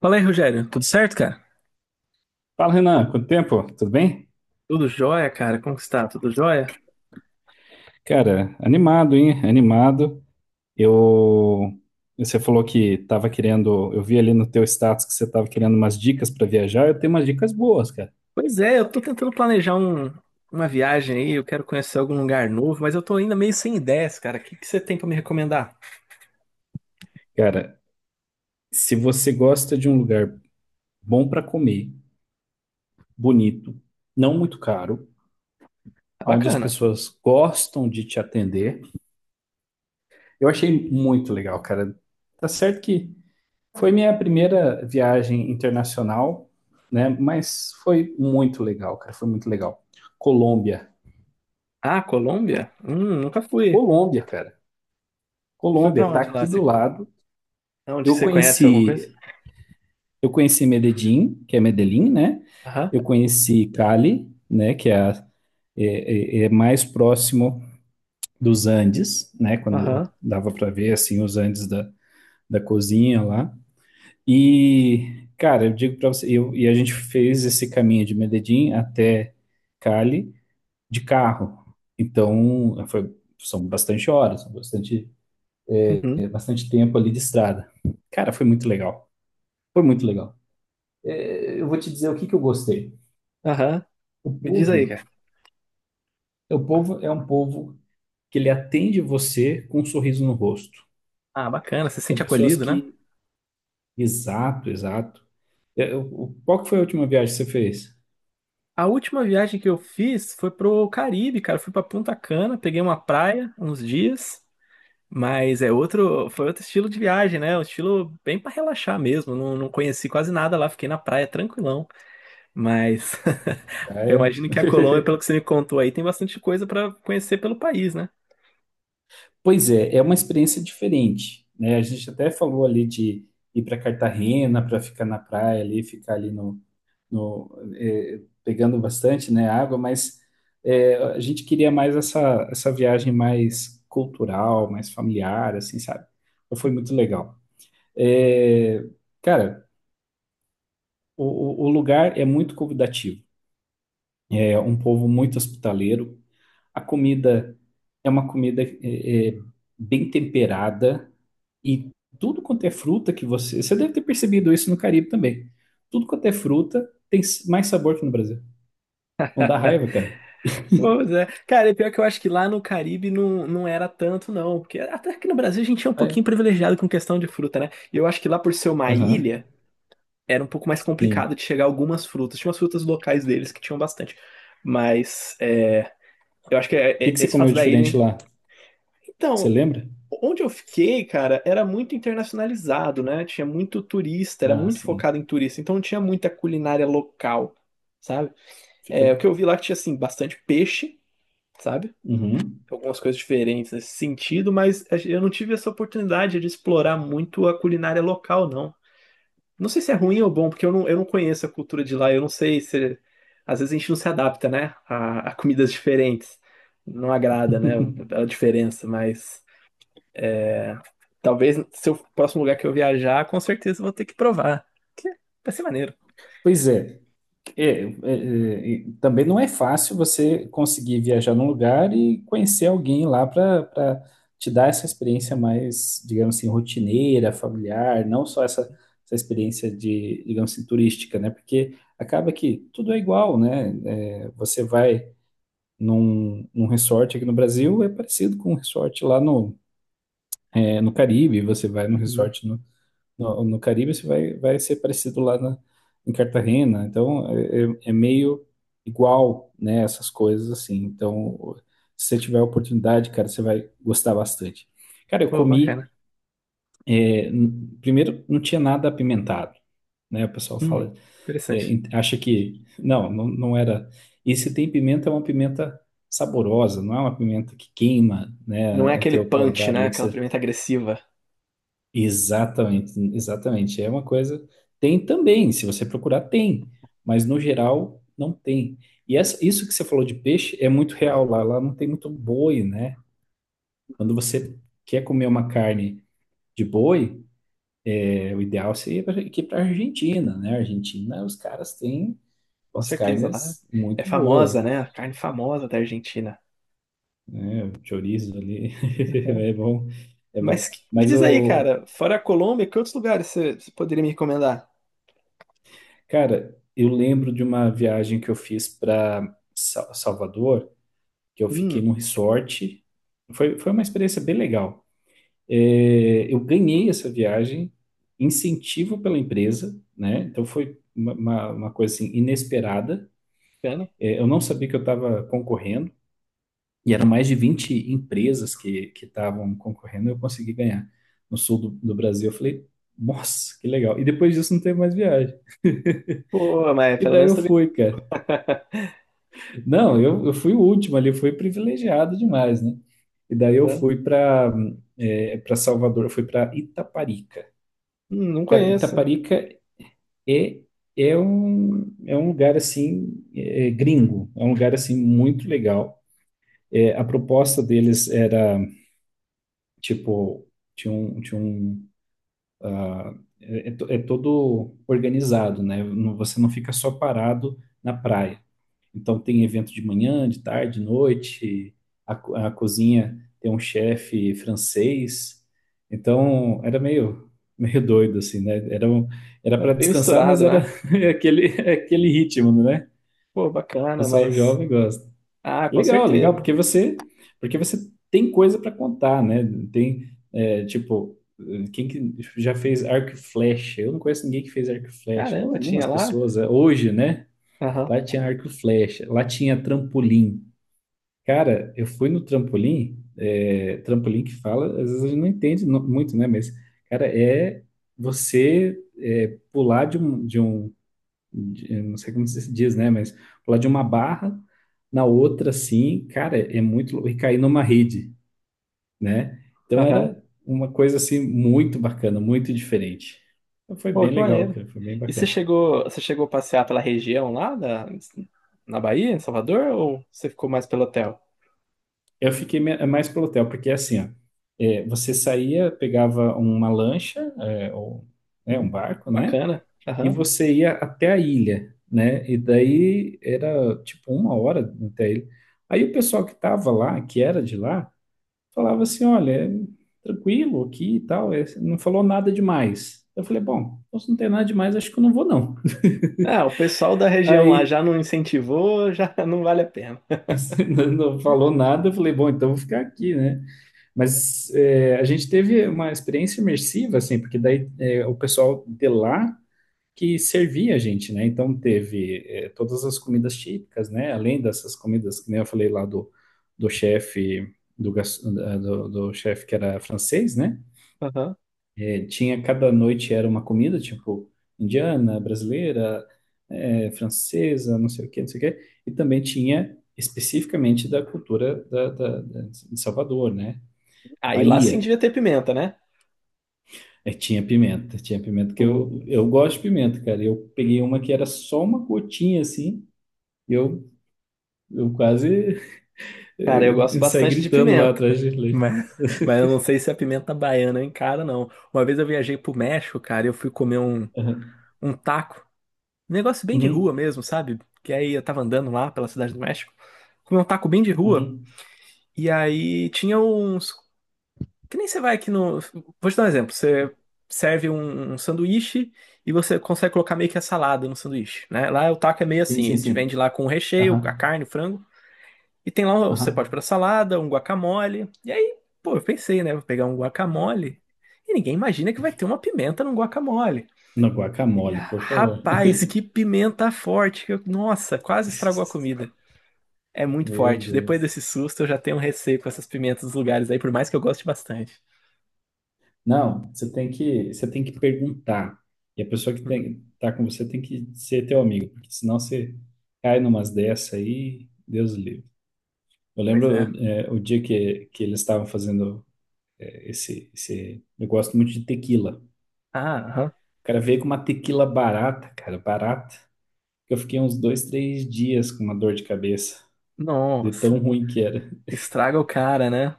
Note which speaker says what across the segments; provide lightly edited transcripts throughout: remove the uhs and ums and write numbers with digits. Speaker 1: Fala aí, Rogério. Tudo certo, cara?
Speaker 2: Fala, Renan, quanto tempo? Tudo bem?
Speaker 1: Tudo jóia, cara? Como que está? Tudo jóia?
Speaker 2: Cara, animado, hein? Animado. Eu. Você falou que tava querendo. Eu vi ali no teu status que você tava querendo umas dicas para viajar. Eu tenho umas dicas boas, cara.
Speaker 1: Pois é, eu tô tentando planejar uma viagem aí, eu quero conhecer algum lugar novo, mas eu tô ainda meio sem ideias, cara. O que que você tem pra me recomendar?
Speaker 2: Cara, se você gosta de um lugar bom para comer, bonito, não muito caro,
Speaker 1: Tá
Speaker 2: onde as
Speaker 1: bacana.
Speaker 2: pessoas gostam de te atender, eu achei muito legal, cara. Tá certo que foi minha primeira viagem internacional, né? Mas foi muito legal, cara. Foi muito legal. Colômbia.
Speaker 1: Ah, Colômbia? Nunca fui.
Speaker 2: Colômbia, cara.
Speaker 1: E foi pra
Speaker 2: Colômbia tá
Speaker 1: onde lá?
Speaker 2: aqui do lado.
Speaker 1: Onde
Speaker 2: Eu
Speaker 1: você conhece alguma coisa?
Speaker 2: conheci, eu conheci Medellín, que é Medellín, né?
Speaker 1: Aham,
Speaker 2: Eu conheci Cali, né? Que é, é mais próximo dos Andes, né?
Speaker 1: aham,
Speaker 2: Quando dava para ver assim os Andes da cozinha lá. E, cara, eu digo pra você, e a gente fez esse caminho de Medellín até Cali de carro. Então, são bastante horas, são bastante,
Speaker 1: uhum,
Speaker 2: bastante tempo ali de estrada. Cara, foi muito legal. Foi muito legal. Eu vou te dizer o que que eu gostei.
Speaker 1: aham.
Speaker 2: O
Speaker 1: Me diz
Speaker 2: povo,
Speaker 1: aí, cara.
Speaker 2: o povo é um povo que ele atende você com um sorriso no rosto.
Speaker 1: Ah, bacana, você se
Speaker 2: São
Speaker 1: sente
Speaker 2: pessoas
Speaker 1: acolhido, né?
Speaker 2: que, exato, exato. Qual que foi a última viagem que você fez?
Speaker 1: A última viagem que eu fiz foi pro Caribe, cara. Eu fui pra Punta Cana, peguei uma praia uns dias. Mas é outro, foi outro estilo de viagem, né? Um estilo bem para relaxar mesmo. Não conheci quase nada lá, fiquei na praia tranquilão. Mas
Speaker 2: Sim,
Speaker 1: eu
Speaker 2: praia.
Speaker 1: imagino que a Colômbia, pelo que você me contou aí, tem bastante coisa para conhecer pelo país, né?
Speaker 2: Pois é, é uma experiência diferente, né? A gente até falou ali de ir para Cartagena para ficar na praia ali, ficar ali no, no eh, pegando bastante, né, água, mas a gente queria mais essa viagem mais cultural, mais familiar, assim, sabe? Então foi muito
Speaker 1: Uhum.
Speaker 2: legal. Eh, Cara, o, o lugar é muito convidativo, é um povo muito hospitaleiro. A comida é uma comida, bem temperada e tudo quanto é fruta que você. Você deve ter percebido isso no Caribe também. Tudo quanto é fruta tem mais sabor que no Brasil. Não dá raiva, cara?
Speaker 1: Pois é. Cara, e pior que eu acho que lá no Caribe não era tanto, não. Porque até aqui no Brasil a gente é um
Speaker 2: Ah,
Speaker 1: pouquinho
Speaker 2: é?
Speaker 1: privilegiado com questão de fruta, né? E eu acho que lá por ser uma
Speaker 2: Aham,
Speaker 1: ilha, era um pouco mais complicado
Speaker 2: sim.
Speaker 1: de chegar algumas frutas. Tinha umas frutas locais deles que tinham bastante. Mas é, eu acho que
Speaker 2: O que que você
Speaker 1: esse
Speaker 2: comeu
Speaker 1: fato da
Speaker 2: diferente
Speaker 1: ilha.
Speaker 2: lá? Você
Speaker 1: Então,
Speaker 2: lembra?
Speaker 1: onde eu fiquei, cara, era muito internacionalizado, né? Tinha muito turista, era
Speaker 2: Ah,
Speaker 1: muito
Speaker 2: sim.
Speaker 1: focado em turista, então não tinha muita culinária local, sabe?
Speaker 2: Fica.
Speaker 1: É, o que eu vi lá que tinha, assim, bastante peixe, sabe?
Speaker 2: Uhum.
Speaker 1: Algumas coisas diferentes nesse sentido, mas eu não tive essa oportunidade de explorar muito a culinária local, não. Não sei se é ruim ou bom, porque eu não conheço a cultura de lá, eu não sei se. Às vezes a gente não se adapta, né? A comidas diferentes. Não agrada, né? A diferença, mas. É, talvez se o próximo lugar que eu viajar, com certeza eu vou ter que provar. Que vai ser maneiro.
Speaker 2: Pois é. É, é, é, Também não é fácil você conseguir viajar num lugar e conhecer alguém lá para te dar essa experiência mais, digamos assim, rotineira, familiar, não só essa experiência de, digamos assim, turística, né? Porque acaba que tudo é igual, né? Você vai num resort aqui no Brasil, é parecido com um resort lá no Caribe, você vai num
Speaker 1: Uhum.
Speaker 2: resort no Caribe, isso vai ser parecido lá em Cartagena. Então, é meio igual, né, essas coisas assim. Então, se você tiver a oportunidade, cara, você vai gostar bastante. Cara, eu
Speaker 1: Pô,
Speaker 2: comi,
Speaker 1: bacana.
Speaker 2: primeiro, não tinha nada apimentado, né? O pessoal
Speaker 1: Hum,
Speaker 2: fala,
Speaker 1: interessante.
Speaker 2: acha que, não, não, não era. E se tem pimenta, é uma pimenta saborosa, não é uma pimenta que queima, né,
Speaker 1: Não é
Speaker 2: o
Speaker 1: aquele
Speaker 2: teu paladar
Speaker 1: punch, né?
Speaker 2: ali.
Speaker 1: Aquela pimenta agressiva.
Speaker 2: Exatamente, exatamente. É uma coisa. Tem também, se você procurar, tem, mas no geral não tem. E isso que você falou de peixe é muito real lá. Lá não tem muito boi, né? Quando você quer comer uma carne de boi, o ideal seria ir para a Argentina, né? Argentina, os caras têm
Speaker 1: Com
Speaker 2: umas
Speaker 1: certeza, lá
Speaker 2: carnes
Speaker 1: é
Speaker 2: muito
Speaker 1: famosa,
Speaker 2: boas.
Speaker 1: né? A carne famosa da Argentina.
Speaker 2: Chorizo ali,
Speaker 1: Né?
Speaker 2: é bom, é
Speaker 1: Mas
Speaker 2: bom.
Speaker 1: me
Speaker 2: Mas,
Speaker 1: diz aí,
Speaker 2: o
Speaker 1: cara, fora a Colômbia, que outros lugares você poderia me recomendar?
Speaker 2: cara, eu lembro de uma viagem que eu fiz para Salvador, que eu fiquei
Speaker 1: Hum,
Speaker 2: num resort. Foi uma experiência bem legal. Eu ganhei essa viagem, incentivo pela empresa, né? Então foi uma coisa assim, inesperada.
Speaker 1: bacana.
Speaker 2: Eu não sabia que eu estava concorrendo, e eram mais de 20 empresas que estavam concorrendo, e eu consegui ganhar no sul do Brasil. Eu falei, nossa, que legal. E depois disso não teve mais viagem.
Speaker 1: Pô, mas
Speaker 2: E
Speaker 1: pelo
Speaker 2: daí
Speaker 1: menos
Speaker 2: eu
Speaker 1: também.
Speaker 2: fui, cara. Não, eu fui o último ali, eu fui privilegiado demais, né? E daí eu fui para Salvador, eu fui para Itaparica.
Speaker 1: Não
Speaker 2: Cara,
Speaker 1: conheço.
Speaker 2: Itaparica é, é um lugar assim, é gringo, é um lugar assim muito legal. A proposta deles era, tipo, tinha um, é, é to- é todo organizado, né? Você não fica só parado na praia. Então tem evento de manhã, de tarde, de noite. A cozinha tem um chefe francês. Então era meio doido assim, né? Era
Speaker 1: É
Speaker 2: para
Speaker 1: bem
Speaker 2: descansar, mas
Speaker 1: misturado, né?
Speaker 2: era aquele ritmo, né?
Speaker 1: Pô,
Speaker 2: O
Speaker 1: bacana,
Speaker 2: pessoal
Speaker 1: mas.
Speaker 2: jovem gosta.
Speaker 1: Ah, com
Speaker 2: Legal, legal,
Speaker 1: certeza.
Speaker 2: porque você tem coisa para contar, né? Tem, tipo, quem que já fez arco e flecha? Eu não conheço ninguém que fez arco e flecha. Ou
Speaker 1: Caramba, tinha
Speaker 2: algumas
Speaker 1: lá?
Speaker 2: pessoas, hoje, né?
Speaker 1: Aham.
Speaker 2: Lá tinha arco e flecha, lá tinha trampolim. Cara, eu fui no trampolim, trampolim que fala, às vezes a gente não entende muito, né? Mas, cara, você, pular de um, eu não sei como se diz, né? Mas pular de uma barra na outra, assim, cara, é muito louco. E cair numa rede, né? Então
Speaker 1: Aham.
Speaker 2: era uma coisa, assim, muito bacana, muito diferente. Então, foi
Speaker 1: Pô,
Speaker 2: bem
Speaker 1: que
Speaker 2: legal,
Speaker 1: maneiro.
Speaker 2: cara, foi bem
Speaker 1: E
Speaker 2: bacana.
Speaker 1: você chegou a passear pela região lá da, na Bahia, em Salvador, ou você ficou mais pelo hotel?
Speaker 2: Eu fiquei mais pelo hotel, porque assim, ó, você saía, pegava uma lancha, ou né, um
Speaker 1: Hum,
Speaker 2: barco, né?
Speaker 1: bacana.
Speaker 2: E
Speaker 1: Aham.
Speaker 2: você ia até a ilha, né? E daí era tipo 1 hora até a ilha. Aí o pessoal que tava lá, que era de lá, falava assim: olha, é tranquilo aqui e tal, não falou nada demais. Eu falei: bom, então se não tem nada demais, acho que eu não vou não.
Speaker 1: É, o pessoal da região lá
Speaker 2: Aí
Speaker 1: já não incentivou, já não vale a pena.
Speaker 2: não falou nada, eu falei: bom, então eu vou ficar aqui, né? Mas, a gente teve uma experiência imersiva, assim, porque daí, o pessoal de lá que servia a gente, né? Então teve, todas as comidas típicas, né? Além dessas comidas que nem eu falei lá do chefe do, gas- da- do, do chefe que era francês, né?
Speaker 1: Aham.
Speaker 2: Tinha cada noite era uma comida tipo indiana, brasileira, francesa, não sei o quê, não sei o quê. E também tinha especificamente da cultura da, da, de Salvador, né? Da
Speaker 1: Aí lá sim
Speaker 2: Bahia.
Speaker 1: devia ter pimenta, né?
Speaker 2: Tinha pimenta, que eu,
Speaker 1: O...
Speaker 2: eu gosto de pimenta, cara. Eu peguei uma que era só uma gotinha assim, e eu quase
Speaker 1: Cara, eu gosto
Speaker 2: saí
Speaker 1: bastante de
Speaker 2: gritando lá
Speaker 1: pimenta.
Speaker 2: atrás de leite.
Speaker 1: Mas, mas eu não sei se a pimenta baiana eu encaro, não. Uma vez eu viajei pro México, cara, e eu fui comer
Speaker 2: Aham.
Speaker 1: um taco. Um negócio bem de rua
Speaker 2: Uhum.
Speaker 1: mesmo, sabe? Que aí eu tava andando lá pela cidade do México. Comi um taco bem de rua.
Speaker 2: Uhum.
Speaker 1: E aí tinha uns. Que nem você vai aqui no. Vou te dar um exemplo. Você serve um sanduíche e você consegue colocar meio que a salada no sanduíche, né? Lá o taco é meio
Speaker 2: Sim,
Speaker 1: assim.
Speaker 2: sim,
Speaker 1: Ele te
Speaker 2: sim.
Speaker 1: vende lá com o recheio, a
Speaker 2: Aham.
Speaker 1: carne, o frango. E tem lá, você pode
Speaker 2: Aham.
Speaker 1: pôr a salada, um guacamole. E aí, pô, eu pensei, né? Vou pegar um guacamole. E ninguém imagina que vai ter uma pimenta num guacamole.
Speaker 2: Não,
Speaker 1: E,
Speaker 2: guacamole, por favor.
Speaker 1: rapaz, que pimenta forte! Nossa, quase estragou a comida. É muito
Speaker 2: Meu
Speaker 1: forte. Depois
Speaker 2: Deus.
Speaker 1: desse susto, eu já tenho um receio com essas pimentas dos lugares aí, por mais que eu goste bastante.
Speaker 2: Não, você tem que perguntar. E a pessoa que
Speaker 1: Uhum.
Speaker 2: tá com você tem que ser teu amigo, porque senão você cai numas dessa aí, Deus livre. Eu
Speaker 1: Pois é.
Speaker 2: lembro, o dia que eles estavam fazendo esse, esse. Eu gosto muito de tequila.
Speaker 1: Ah, aham.
Speaker 2: O cara veio com uma tequila barata, cara, barata. Eu fiquei uns 2, 3 dias com uma dor de cabeça, de
Speaker 1: Nossa,
Speaker 2: tão ruim que era.
Speaker 1: estraga o cara, né?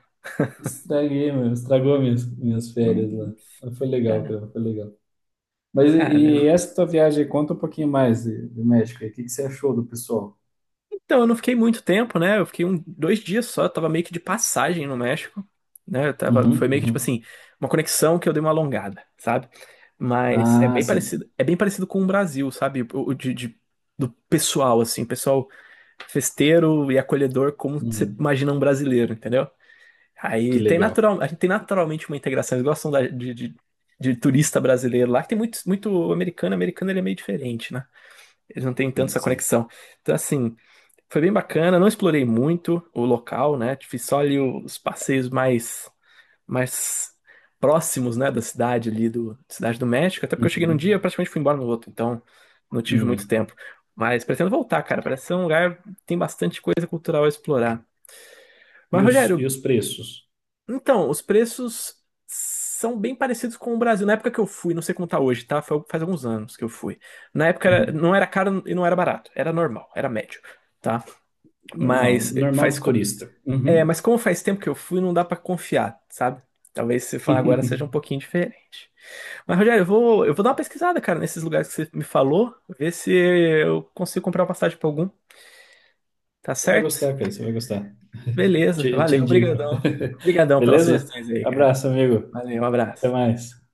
Speaker 2: Estraguei, meu, estragou minhas férias
Speaker 1: Não,
Speaker 2: lá. Mas foi legal, cara, foi legal. Mas e
Speaker 1: cara.
Speaker 2: essa tua viagem, conta um pouquinho mais do México aí. O que você achou do pessoal?
Speaker 1: Então, eu não fiquei muito tempo, né? Eu fiquei um, dois dias só, eu tava meio que de passagem no México, né? Eu tava, foi
Speaker 2: Uhum,
Speaker 1: meio que tipo
Speaker 2: uhum.
Speaker 1: assim, uma conexão que eu dei uma alongada, sabe? Mas
Speaker 2: Ah, sim.
Speaker 1: é bem parecido com o Brasil, sabe? O do pessoal, assim, pessoal festeiro e acolhedor, como você
Speaker 2: Uhum.
Speaker 1: imagina um brasileiro, entendeu?
Speaker 2: Que
Speaker 1: Aí tem
Speaker 2: legal.
Speaker 1: natural, a gente tem naturalmente uma integração, eles gostam de turista brasileiro lá, que tem muito, muito americano, americano ele é meio diferente, né? Eles não têm tanto
Speaker 2: Sim,
Speaker 1: essa
Speaker 2: sim.
Speaker 1: conexão. Então, assim. Foi bem bacana, não explorei muito o local, né? Fiz só ali os passeios mais, mais próximos, né, da cidade ali do Cidade do México, até porque eu cheguei num dia
Speaker 2: Uhum.
Speaker 1: e praticamente fui embora no outro, então não tive muito
Speaker 2: Uhum.
Speaker 1: tempo. Mas pretendo voltar, cara. Parece ser um lugar que tem bastante coisa cultural a explorar. Mas,
Speaker 2: E os, e
Speaker 1: Rogério,
Speaker 2: os preços?
Speaker 1: então, os preços são bem parecidos com o Brasil. Na época que eu fui, não sei como tá hoje, tá? Faz alguns anos que eu fui. Na época era- não era caro e não era barato, era normal, era médio, tá?
Speaker 2: Normal,
Speaker 1: Mas
Speaker 2: normal de turista.
Speaker 1: é,
Speaker 2: Uhum.
Speaker 1: mas como faz tempo que eu fui, não dá pra confiar, sabe? Talvez se
Speaker 2: Você
Speaker 1: falar agora seja um pouquinho diferente. Mas, Rogério, eu vou dar uma pesquisada, cara, nesses lugares que você me falou, ver se eu consigo comprar uma passagem pra algum, tá
Speaker 2: vai
Speaker 1: certo?
Speaker 2: gostar, cara, você vai gostar.
Speaker 1: Beleza,
Speaker 2: Te
Speaker 1: valeu,
Speaker 2: indico.
Speaker 1: obrigadão. Obrigadão pelas
Speaker 2: Beleza?
Speaker 1: sugestões aí, cara.
Speaker 2: Abraço, amigo.
Speaker 1: Valeu, um
Speaker 2: Até
Speaker 1: abraço.
Speaker 2: mais.